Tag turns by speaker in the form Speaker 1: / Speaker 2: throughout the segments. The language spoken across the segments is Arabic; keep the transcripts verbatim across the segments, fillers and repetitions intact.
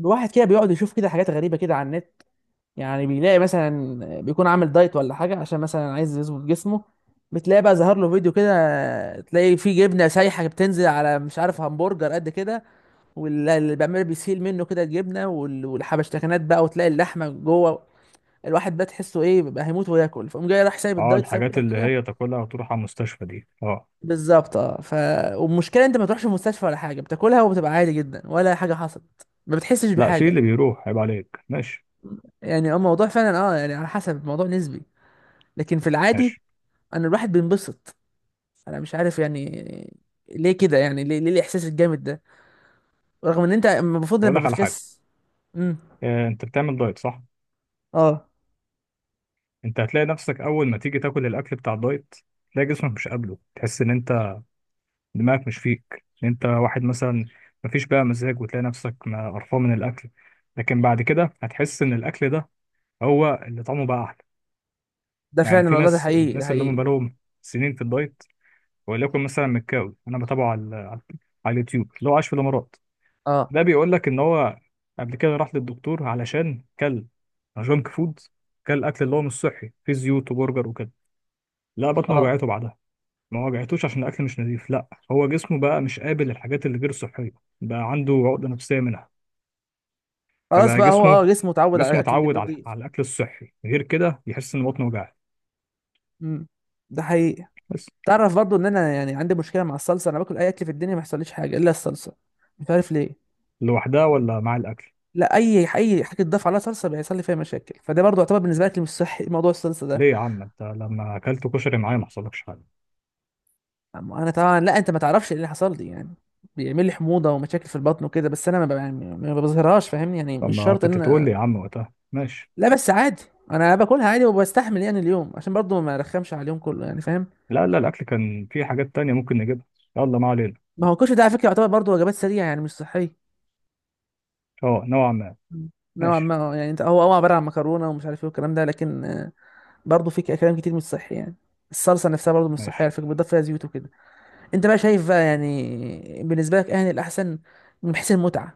Speaker 1: الواحد كده بيقعد يشوف كده حاجات غريبة كده على النت. يعني بيلاقي مثلا بيكون عامل دايت ولا حاجة عشان مثلا عايز يظبط جسمه. بتلاقي بقى ظهر له فيديو كده تلاقي فيه جبنة سايحة بتنزل على مش عارف همبرجر قد كده، واللي بيعمل بيسيل منه كده الجبنة وال- والحبشتكنات بقى وتلاقي اللحمة جوه. الواحد بقى تحسه ايه بقى هيموت وياكل، فقوم جاي راح سايب
Speaker 2: اه،
Speaker 1: الدايت سايب
Speaker 2: الحاجات
Speaker 1: كل
Speaker 2: اللي
Speaker 1: حاجة.
Speaker 2: هي تاكلها وتروح على المستشفى دي، اه.
Speaker 1: بالظبط، اه ف والمشكلة انت ما تروحش المستشفى ولا حاجة، بتاكلها وبتبقى عادي جدا ولا حاجة حصلت، ما بتحسش
Speaker 2: لا، في
Speaker 1: بحاجة.
Speaker 2: اللي بيروح، عيب عليك. ماشي.
Speaker 1: يعني اه الموضوع فعلا، اه يعني على حسب، الموضوع نسبي. لكن في العادي
Speaker 2: ماشي،
Speaker 1: انا الواحد بينبسط. انا مش عارف يعني ليه كده، يعني ليه, ليه الاحساس الجامد ده، رغم ان انت المفروض
Speaker 2: اقول
Speaker 1: لما
Speaker 2: لك على حاجه.
Speaker 1: بتخس. امم
Speaker 2: آه انت بتعمل دايت، صح؟
Speaker 1: اه.
Speaker 2: انت هتلاقي نفسك اول ما تيجي تاكل الاكل بتاع الدايت، تلاقي جسمك مش قابله، تحس ان انت دماغك مش فيك، إن انت واحد مثلا مفيش بقى مزاج، وتلاقي نفسك ما- قرفان من الاكل. لكن بعد كده هتحس ان الاكل ده هو اللي طعمه بقى احلى.
Speaker 1: ده
Speaker 2: يعني
Speaker 1: فعلا
Speaker 2: في
Speaker 1: والله، ده
Speaker 2: ناس
Speaker 1: حقيقي ده
Speaker 2: الناس اللي
Speaker 1: حقيقي.
Speaker 2: هم بقالهم سنين في الدايت، وليكن مثلا مكاوي، انا بتابعه على على على اليوتيوب، اللي هو عايش في الامارات.
Speaker 1: اه
Speaker 2: ده بيقول لك ان هو قبل كده راح للدكتور علشان كل جانك فود، كل اكل اللي هو مش صحي فيه زيوت وبرجر وكده. لا، بطنه
Speaker 1: اه.
Speaker 2: وجعته بعدها، ما وجعتوش عشان الاكل مش نظيف، لا هو جسمه بقى مش قابل الحاجات اللي غير صحيه. بقى عنده عقده نفسيه منها.
Speaker 1: خلاص
Speaker 2: فبقى
Speaker 1: بقى هو اه
Speaker 2: جسمه
Speaker 1: جسمه اتعود على
Speaker 2: جسمه
Speaker 1: الاكل
Speaker 2: اتعود على
Speaker 1: النظيف.
Speaker 2: على الاكل الصحي، غير كده يحس ان بطنه وجعت.
Speaker 1: امم ده حقيقي.
Speaker 2: بس.
Speaker 1: تعرف برضو ان انا يعني عندي مشكله مع الصلصه، انا باكل اي اكل في الدنيا ما يحصليش حاجه الا الصلصه. مش عارف ليه.
Speaker 2: لوحدها ولا مع الاكل؟
Speaker 1: لا اي اي حاجه تضاف عليها صلصه بيحصل لي فيها مشاكل، فده برضو يعتبر بالنسبه لك مش صحي موضوع الصلصه ده.
Speaker 2: ليه يا عم؟ انت لما اكلت كشري معايا ما حصلكش حاجه.
Speaker 1: أما انا طبعا، لا انت ما تعرفش ايه اللي حصل لي يعني، بيعمل لي حموضه ومشاكل في البطن وكده، بس انا ما ب- يعني ما بظهرهاش فاهمني، يعني
Speaker 2: طب
Speaker 1: مش
Speaker 2: ما
Speaker 1: شرط
Speaker 2: كنت
Speaker 1: ان
Speaker 2: تقول
Speaker 1: أنا-
Speaker 2: لي يا عم وقتها؟ ماشي.
Speaker 1: لا، بس عادي. انا باكلها عادي وبستحمل يعني اليوم، عشان برضو ما ارخمش على اليوم كله يعني فاهم.
Speaker 2: لا، لا، الاكل كان في حاجات تانية ممكن نجيبها. يلا، ما علينا.
Speaker 1: ما هو الكشري ده على فكره يعتبر برضو وجبات سريعه، يعني مش صحيه.
Speaker 2: اه، نوعا ما.
Speaker 1: مم. نوعا ما،
Speaker 2: ماشي.
Speaker 1: آه، يعني انت، هو هو عباره عن مكرونه ومش عارف ايه والكلام ده، لكن آه، برضو في ك- كلام كتير مش صحي يعني. الصلصه نفسها برضو مش صحيه على
Speaker 2: ماشي.
Speaker 1: فكره، بتضاف فيها زيوت وكده. انت بقى شايف بقى يعني بالنسبه لك اهل الاحسن من حيث المتعه.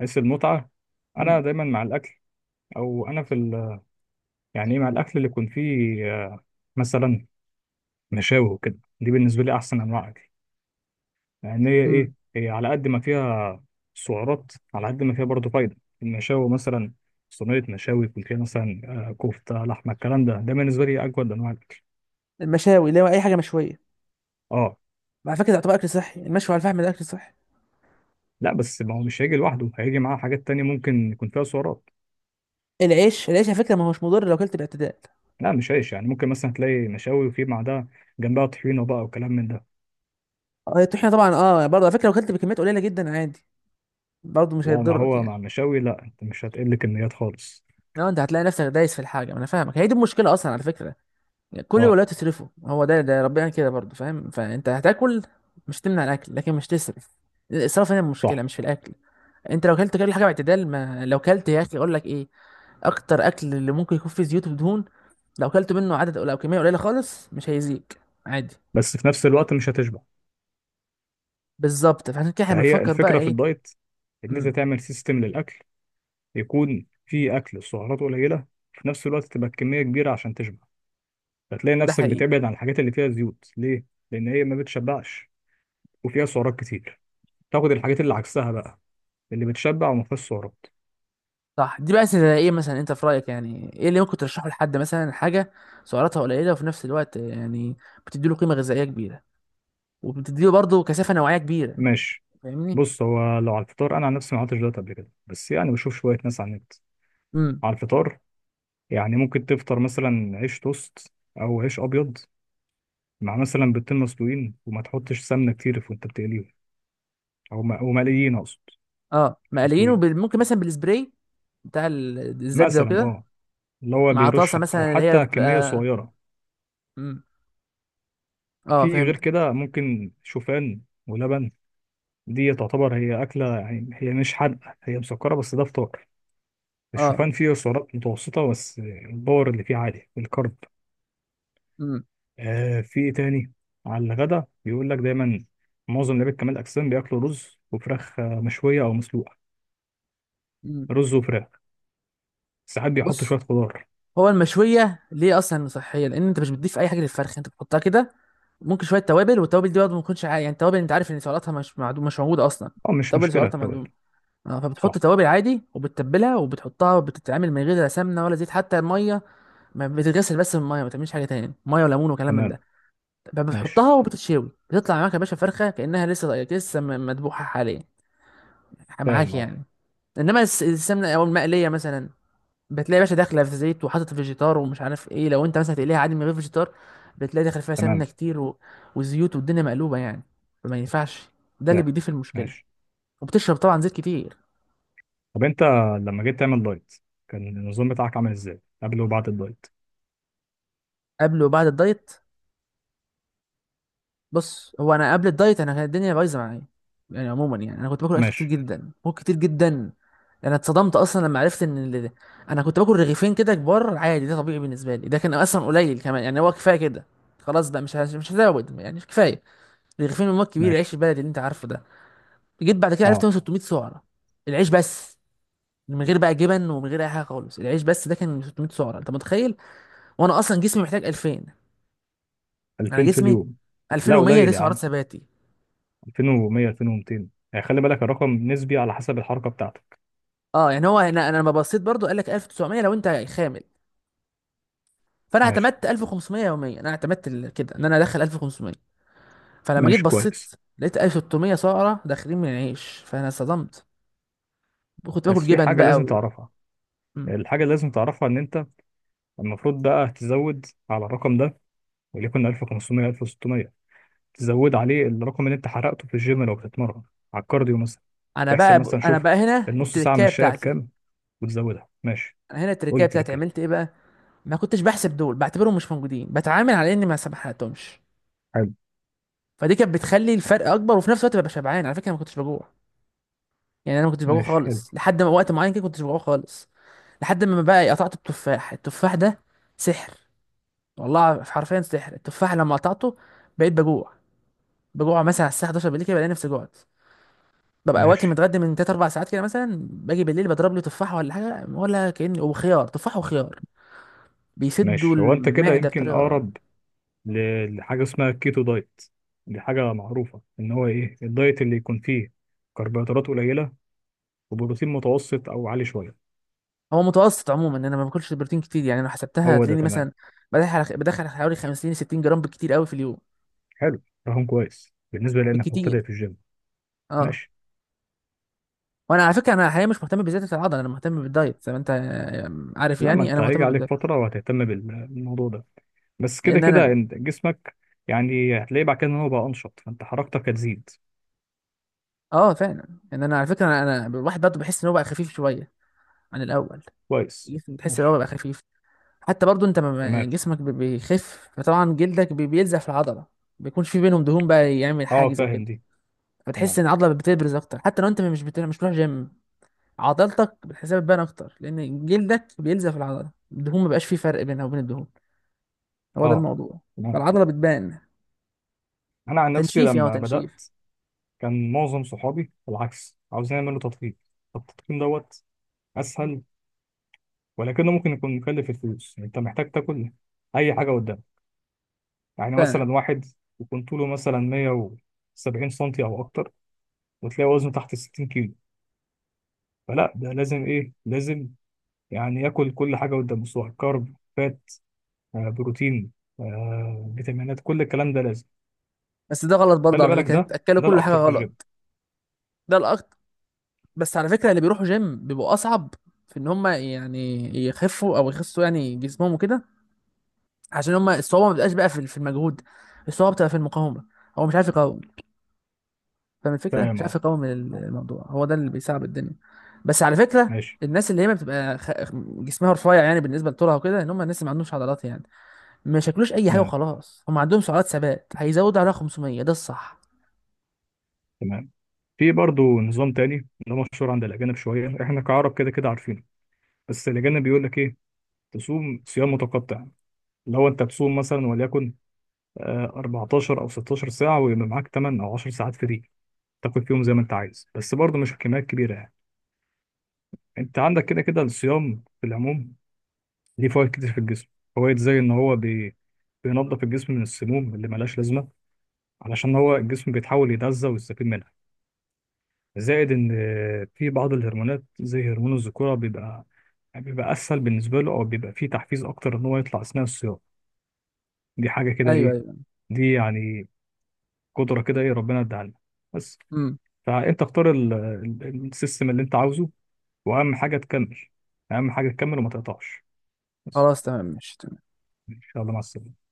Speaker 2: حيث المتعة. انا
Speaker 1: مم.
Speaker 2: دايما مع الاكل، او انا في ال... يعني إيه، مع الاكل اللي يكون فيه، آه، مثلا مشاوي وكده، دي بالنسبة لي احسن انواع اكل. لان هي،
Speaker 1: مم.
Speaker 2: ايه، هي على قد ما فيها سعرات، على قد ما فيها برضه فايدة. المشاوي مثلا، صينية مشاوي يكون فيها مثلا آه، كفتة، لحمة، الكلام ده ده بالنسبة لي اجود انواع الاكل.
Speaker 1: المشاوي اللي هو اي حاجه مشويه،
Speaker 2: اه.
Speaker 1: على فكره ده يعتبر اكل صحي، المشوي على الفحم ده اكل صحي.
Speaker 2: لا، بس ما هو مش هيجي لوحده، هيجي معاه حاجات تانية ممكن يكون فيها سعرات.
Speaker 1: العيش العيش على فكره ما هوش مضر لو اكلت باعتدال.
Speaker 2: لا، مش عيش، يعني ممكن مثلا تلاقي مشاوي، وفي بعدها جنبها طحينه بقى وكلام من ده.
Speaker 1: آه، الطحينه طبعا اه، برضه على فكره لو اكلت بكميات قليله جدا عادي، برضه مش
Speaker 2: لا، ما
Speaker 1: هيضرك
Speaker 2: هو
Speaker 1: يعني.
Speaker 2: مع المشاوي، لا انت مش هتقل كميات خالص.
Speaker 1: لو انت هتلاقي نفسك دايس في الحاجه، ما انا فاهمك، هي دي المشكله اصلا على فكره. يعني كل
Speaker 2: اه،
Speaker 1: ولا تصرفه هو ده، ده ربنا كده برضه فاهم، فانت هتاكل مش تمنع الاكل لكن مش تسرف. الاسراف هنا المشكله،
Speaker 2: صح.
Speaker 1: مش في الاكل. انت لو اكلت كل حاجه باعتدال، ما لو اكلت يا اخي اقول لك ايه، اكتر اكل اللي ممكن يكون فيه زيوت ودهون، لو كلت منه عدد، لو كميه قليله خالص، مش هيزيك عادي.
Speaker 2: بس في نفس الوقت مش هتشبع.
Speaker 1: بالظبط، فعشان كده احنا
Speaker 2: فهي
Speaker 1: بنفكر بقى
Speaker 2: الفكره في
Speaker 1: ايه.
Speaker 2: الدايت، ان انت
Speaker 1: امم
Speaker 2: تعمل سيستم للاكل، يكون فيه اكل سعراته قليله، في نفس الوقت تبقى الكميه كبيره عشان تشبع. فتلاقي
Speaker 1: ده
Speaker 2: نفسك
Speaker 1: حقيقي.
Speaker 2: بتبعد عن الحاجات اللي فيها زيوت، ليه؟ لان هي ما بتشبعش، وفيها سعرات كتير. تاخد الحاجات اللي عكسها بقى، اللي بتشبع وما فيهاش سعرات.
Speaker 1: صح. دي بقى زي ايه مثلا انت في رايك، يعني ايه اللي ممكن ترشحه لحد مثلا، حاجه سعراتها قليله وفي نفس الوقت يعني بتدي له قيمه غذائيه كبيره، وبتدي له برضه كثافه نوعيه كبيره يعني.
Speaker 2: ماشي.
Speaker 1: فاهمني.
Speaker 2: بص، هو لو على الفطار، انا عن نفسي ما عملتش دايت قبل كده، بس يعني بشوف شويه ناس على النت.
Speaker 1: امم
Speaker 2: على الفطار، يعني ممكن تفطر مثلا عيش توست، او عيش ابيض، مع مثلا بيضتين مسلوقين، وما تحطش سمنه كتير في وانت بتقليهم، او م- او مقليين اقصد،
Speaker 1: اه
Speaker 2: مش
Speaker 1: مقليينه
Speaker 2: مسلوقين.
Speaker 1: بال- ممكن مثلا بالسبراي بتاع ال- الزبده ده
Speaker 2: مثلا
Speaker 1: وكده.
Speaker 2: اه، اللي هو
Speaker 1: مع طاسه
Speaker 2: بيرش، او
Speaker 1: مثلا اللي هي
Speaker 2: حتى كميه
Speaker 1: بتبقى.
Speaker 2: صغيره.
Speaker 1: امم. اه
Speaker 2: في غير
Speaker 1: فهمتك.
Speaker 2: كده ممكن شوفان ولبن، دي تعتبر هي اكله، يعني هي مش حادقه هي مسكره، بس ده فطار.
Speaker 1: اه.
Speaker 2: الشوفان فيه سعرات متوسطه، بس الباور اللي فيه عالي الكرب.
Speaker 1: امم.
Speaker 2: آه في ايه تاني؟ على الغدا بيقول لك دايما، معظم لعيبه كمال الاجسام بياكلوا رز وفراخ، آه، مشويه او مسلوقه.
Speaker 1: امم.
Speaker 2: رز وفراخ، ساعات بيحطوا شويه
Speaker 1: بص،
Speaker 2: خضار.
Speaker 1: هو المشويه ليه اصلا صحيه، لان انت مش بتضيف اي حاجه للفرخ، انت بتحطها كده. ممكن شويه توابل، والتوابل دي برضه ما تكونش عا- يعني التوابل انت عارف ان سعراتها مش معدوم، مش موجوده اصلا.
Speaker 2: اه، مش
Speaker 1: التوابل
Speaker 2: مشكله
Speaker 1: سعراتها
Speaker 2: التوابل.
Speaker 1: معدومه. اه فبتحط
Speaker 2: صح.
Speaker 1: توابل عادي وبتتبلها وبتحطها، وبتتعمل من غير لا سمنه ولا زيت، حتى الميه ما بتتغسل بس بالميه، ما تعملش حاجه تاني، ميه وليمون وكلام من
Speaker 2: تمام.
Speaker 1: ده.
Speaker 2: ماشي.
Speaker 1: بتحطها وبتتشوي، بتطلع معاك يا باشا فرخه كانها لسه لسه م- مذبوحه حاليا، معاك
Speaker 2: فاهم، اه.
Speaker 1: يعني. انما الس- السمنه او المقليه مثلا، بتلاقي باشا داخله في زيت وحاطط فيجيتار ومش عارف ايه. لو انت مثلا هتقليها عادي من غير فيجيتار، بتلاقي داخل فيها سمنه
Speaker 2: تمام.
Speaker 1: كتير و... وزيوت والدنيا مقلوبه يعني. فما ينفعش. ده اللي
Speaker 2: فاهم.
Speaker 1: بيضيف المشكله،
Speaker 2: ماشي.
Speaker 1: وبتشرب طبعا زيت كتير.
Speaker 2: طب انت لما جيت تعمل دايت، كان النظام بتاعك عامل ازاي قبل وبعد الدايت؟
Speaker 1: قبل وبعد الدايت، بص هو انا قبل الدايت انا كانت الدنيا بايظه معايا. يعني عموما يعني انا كنت باكل اكل كتير
Speaker 2: ماشي.
Speaker 1: جدا، باكل كتير جدا. انا اتصدمت اصلا لما عرفت ان ال... انا كنت باكل رغيفين كده كبار عادي، ده طبيعي بالنسبه لي، ده كان اصلا قليل كمان يعني، هو كفايه كده، خلاص بقى مش هز- مش هزود يعني كفايه. رغيفين من مواد كبير،
Speaker 2: ماشي.
Speaker 1: عيش البلد اللي انت عارفه ده. جيت بعد كده عرفت
Speaker 2: اه،
Speaker 1: إن هو ستمية سعره العيش بس، من غير بقى جبن ومن غير اي حاجه خالص، العيش بس ده كان ستمية سعره، انت متخيل؟ وانا اصلا جسمي محتاج ألفين. انا
Speaker 2: ألفين في
Speaker 1: جسمي
Speaker 2: اليوم؟ لا،
Speaker 1: ألفين ومية دي
Speaker 2: قليل يا
Speaker 1: سعرات
Speaker 2: عم.
Speaker 1: ثباتي.
Speaker 2: ألفين ومية، ألفين ومتين، يعني خلي بالك الرقم نسبي على حسب الحركه بتاعتك.
Speaker 1: اه يعني هو انا، انا لما بصيت برضو قال لك ألف وتسعمية لو انت خامل، فانا
Speaker 2: ماشي.
Speaker 1: اعتمدت ألف وخمسمية يوميا، انا اعتمدت ال- كده ان انا ادخل ألف وخمسمية. فلما جيت
Speaker 2: ماشي،
Speaker 1: بصيت
Speaker 2: كويس.
Speaker 1: لقيت ألف وستمية سعره داخلين من العيش، فانا صدمت. كنت
Speaker 2: بس
Speaker 1: باكل
Speaker 2: في
Speaker 1: جبن
Speaker 2: حاجة
Speaker 1: بقى
Speaker 2: لازم
Speaker 1: و...
Speaker 2: تعرفها.
Speaker 1: مم.
Speaker 2: الحاجة اللي لازم تعرفها إن أنت المفروض بقى تزود على الرقم ده، وليكن ألف وخمسمية، ألف وستمية، تزود عليه الرقم اللي أنت حرقته في الجيم، لو بتتمرن على الكارديو مثلا.
Speaker 1: انا
Speaker 2: تحسب
Speaker 1: بقى
Speaker 2: مثلا،
Speaker 1: انا
Speaker 2: شوف
Speaker 1: بقى هنا
Speaker 2: النص ساعة
Speaker 1: التركايه
Speaker 2: مشاية
Speaker 1: بتاعتي.
Speaker 2: بكام، وتزودها. ماشي.
Speaker 1: انا هنا
Speaker 2: قول
Speaker 1: التركايه
Speaker 2: لي
Speaker 1: بتاعتي عملت
Speaker 2: تركاية.
Speaker 1: ايه بقى، ما كنتش بحسب دول، بعتبرهم مش موجودين، بتعامل على اني ما سبحتهمش.
Speaker 2: حلو.
Speaker 1: فدي كانت بتخلي الفرق اكبر، وفي نفس الوقت ببقى شبعان على فكره، انا ما كنتش بجوع. يعني انا ما كنتش بجوع
Speaker 2: ماشي. حلو.
Speaker 1: خالص، لحد ما وقت معين كده كنتش بجوع خالص، لحد ما بقى قطعت التفاح. التفاح ده سحر، والله حرفيا سحر. التفاح لما قطعته بقيت بجوع. بجوع مثلا على الساعه حداشر بالليل كده، بلاقي نفسي جوعت، ببقى واكل
Speaker 2: ماشي.
Speaker 1: متغدى من ثلاث اربع ساعات كده مثلا. باجي بالليل بضرب لي تفاحه ولا حاجه، ولا كأني، وخيار. تفاح وخيار، بيسدوا
Speaker 2: ماشي. هو أنت كده
Speaker 1: المعده
Speaker 2: يمكن
Speaker 1: بطريقه.
Speaker 2: أقرب ل- لحاجة اسمها كيتو دايت. دي حاجة معروفة، إن هو إيه، الدايت اللي يكون فيه كربوهيدرات قليلة، وبروتين متوسط أو عالي شوية.
Speaker 1: هو متوسط عموما، انا ما باكلش بروتين كتير يعني، لو حسبتها
Speaker 2: هو ده
Speaker 1: هتلاقيني
Speaker 2: تمام.
Speaker 1: مثلا بدخل على- بدخل حوالي خمسين ستين جرام بالكتير قوي في اليوم.
Speaker 2: حلو. رقم كويس بالنسبة لأنك
Speaker 1: بالكتير.
Speaker 2: مبتدئ في الجيم.
Speaker 1: اه.
Speaker 2: ماشي.
Speaker 1: وانا على فكره انا حاليا مش مهتم بزياده العضله، انا مهتم بالدايت، زي ما انت آه، عارف
Speaker 2: لا، ما
Speaker 1: يعني،
Speaker 2: أنت
Speaker 1: انا مهتم
Speaker 2: هيجي
Speaker 1: بالدايت،
Speaker 2: عليك فترة وهتهتم بال- بالموضوع ده. بس كده
Speaker 1: لان
Speaker 2: كده
Speaker 1: انا
Speaker 2: أنت جسمك، يعني هتلاقيه بعد كده إن هو بقى أنشط، فأنت حركتك هتزيد.
Speaker 1: اه فعلا. ان انا على فكره انا, أنا الواحد برضه بحس ان هو بقى خفيف شويه عن الاول.
Speaker 2: كويس.
Speaker 1: الجسم بتحس ان هو
Speaker 2: ماشي.
Speaker 1: بقى خفيف. حتى برضه انت ما-
Speaker 2: تمام.
Speaker 1: جسمك بي- بيخف، فطبعا جلدك بي- بيلزق في العضله، بيكونش في بينهم دهون بقى يعمل
Speaker 2: أه،
Speaker 1: حاجز
Speaker 2: فاهم
Speaker 1: وكده.
Speaker 2: دي.
Speaker 1: فتحس
Speaker 2: تمام.
Speaker 1: ان العضله بتبرز اكتر، حتى لو انت مش بت... مش بتروح جيم. عضلتك بتحسها بتبان اكتر، لان جلدك بينزف العضله، الدهون ما بقاش فيه فرق بينها وبين الدهون. هو ده
Speaker 2: أه،
Speaker 1: الموضوع.
Speaker 2: تمام.
Speaker 1: فالعضله بتبان.
Speaker 2: أنا عن نفسي
Speaker 1: تنشيف، يا هو
Speaker 2: لما
Speaker 1: تنشيف.
Speaker 2: بدأت، كان معظم صحابي بالعكس عاوزين يعملوا تضخيم. طب التضخيم دوت أسهل، ولكنه ممكن يكون مكلف الفلوس، يعني أنت محتاج تاكل أي حاجة. يعني
Speaker 1: فعلا.
Speaker 2: مثلا واحد يكون طوله مثلا مية وسبعين سنتي او اكتر، وتلاقي وزنه تحت ال ستين كيلو، فلا، ده لازم، ايه، لازم يعني ياكل كل حاجه قدامه، سواء كارب، فات، آه، بروتين، آه، فيتامينات، كل الكلام ده لازم.
Speaker 1: بس ده غلط برضه
Speaker 2: خلي
Speaker 1: على
Speaker 2: بالك
Speaker 1: فكره،
Speaker 2: ده،
Speaker 1: بتاكلوا
Speaker 2: ده
Speaker 1: كل حاجه
Speaker 2: الاكتر في الجيم.
Speaker 1: غلط. ده الاكتر. بس على فكره اللي بيروحوا جيم بيبقوا اصعب في ان هم يعني يخفوا او يخسوا يعني جسمهم وكده. عشان هم الصعوبه ما بتبقاش بقى في في المجهود، الصعوبه بتبقى في المقاومه. هو مش عارف يقاوم. فاهم الفكره،
Speaker 2: تمام،
Speaker 1: مش عارف
Speaker 2: اه.
Speaker 1: يقاوم
Speaker 2: آه،
Speaker 1: الموضوع، هو ده اللي بيصعب الدنيا. بس على فكره،
Speaker 2: ماشي.
Speaker 1: الناس اللي هي ما بتبقى خ... جسمها رفيع يعني بالنسبه لطولها وكده، ان هم الناس اللي ما عندهمش عضلات يعني، ما يشكلوش اي حاجه
Speaker 2: تمام.
Speaker 1: وخلاص. هم عندهم سعرات ثبات هيزودوا عليها خمسمية، ده الصح.
Speaker 2: تمام. في برضه نظام تاني، ده مشهور عند الاجانب شويه، احنا كعرب كده كده عارفينه. بس الاجانب بيقول لك ايه، تصوم صيام متقطع. لو انت تصوم مثلا وليكن آه، اربعتاشر او ستة عشر ساعه، ويبقى معاك تمن او عشر ساعات فري، تاكل فيهم زي ما انت عايز، بس برضه مش كميات كبيره يعني. انت عندك كده كده الصيام في العموم ليه فوائد كتير في الجسم. فوائد زي ان هو بي... بينظف الجسم من السموم اللي ملهاش لازمه، علشان هو الجسم بيتحاول يتغذى ويستفيد منها. زائد ان، آه، في بعض الهرمونات زي هرمون الذكوره بيبقى، يعني بيبقى اسهل بالنسبه له، او بيبقى فيه تحفيز اكتر ان هو يطلع اثناء الصيام. دي حاجه كده،
Speaker 1: ايوه
Speaker 2: ايه،
Speaker 1: ايوه.
Speaker 2: دي يعني قدره كده، ايه، ربنا اداها لنا. بس.
Speaker 1: امم.
Speaker 2: فانت اختار ال- ال- السيستم اللي انت عاوزه، واهم حاجه تكمل، اهم حاجه تكمل وما تقطعش. بس.
Speaker 1: خلاص تمام ماشي.
Speaker 2: ان شاء الله، مع السلامه.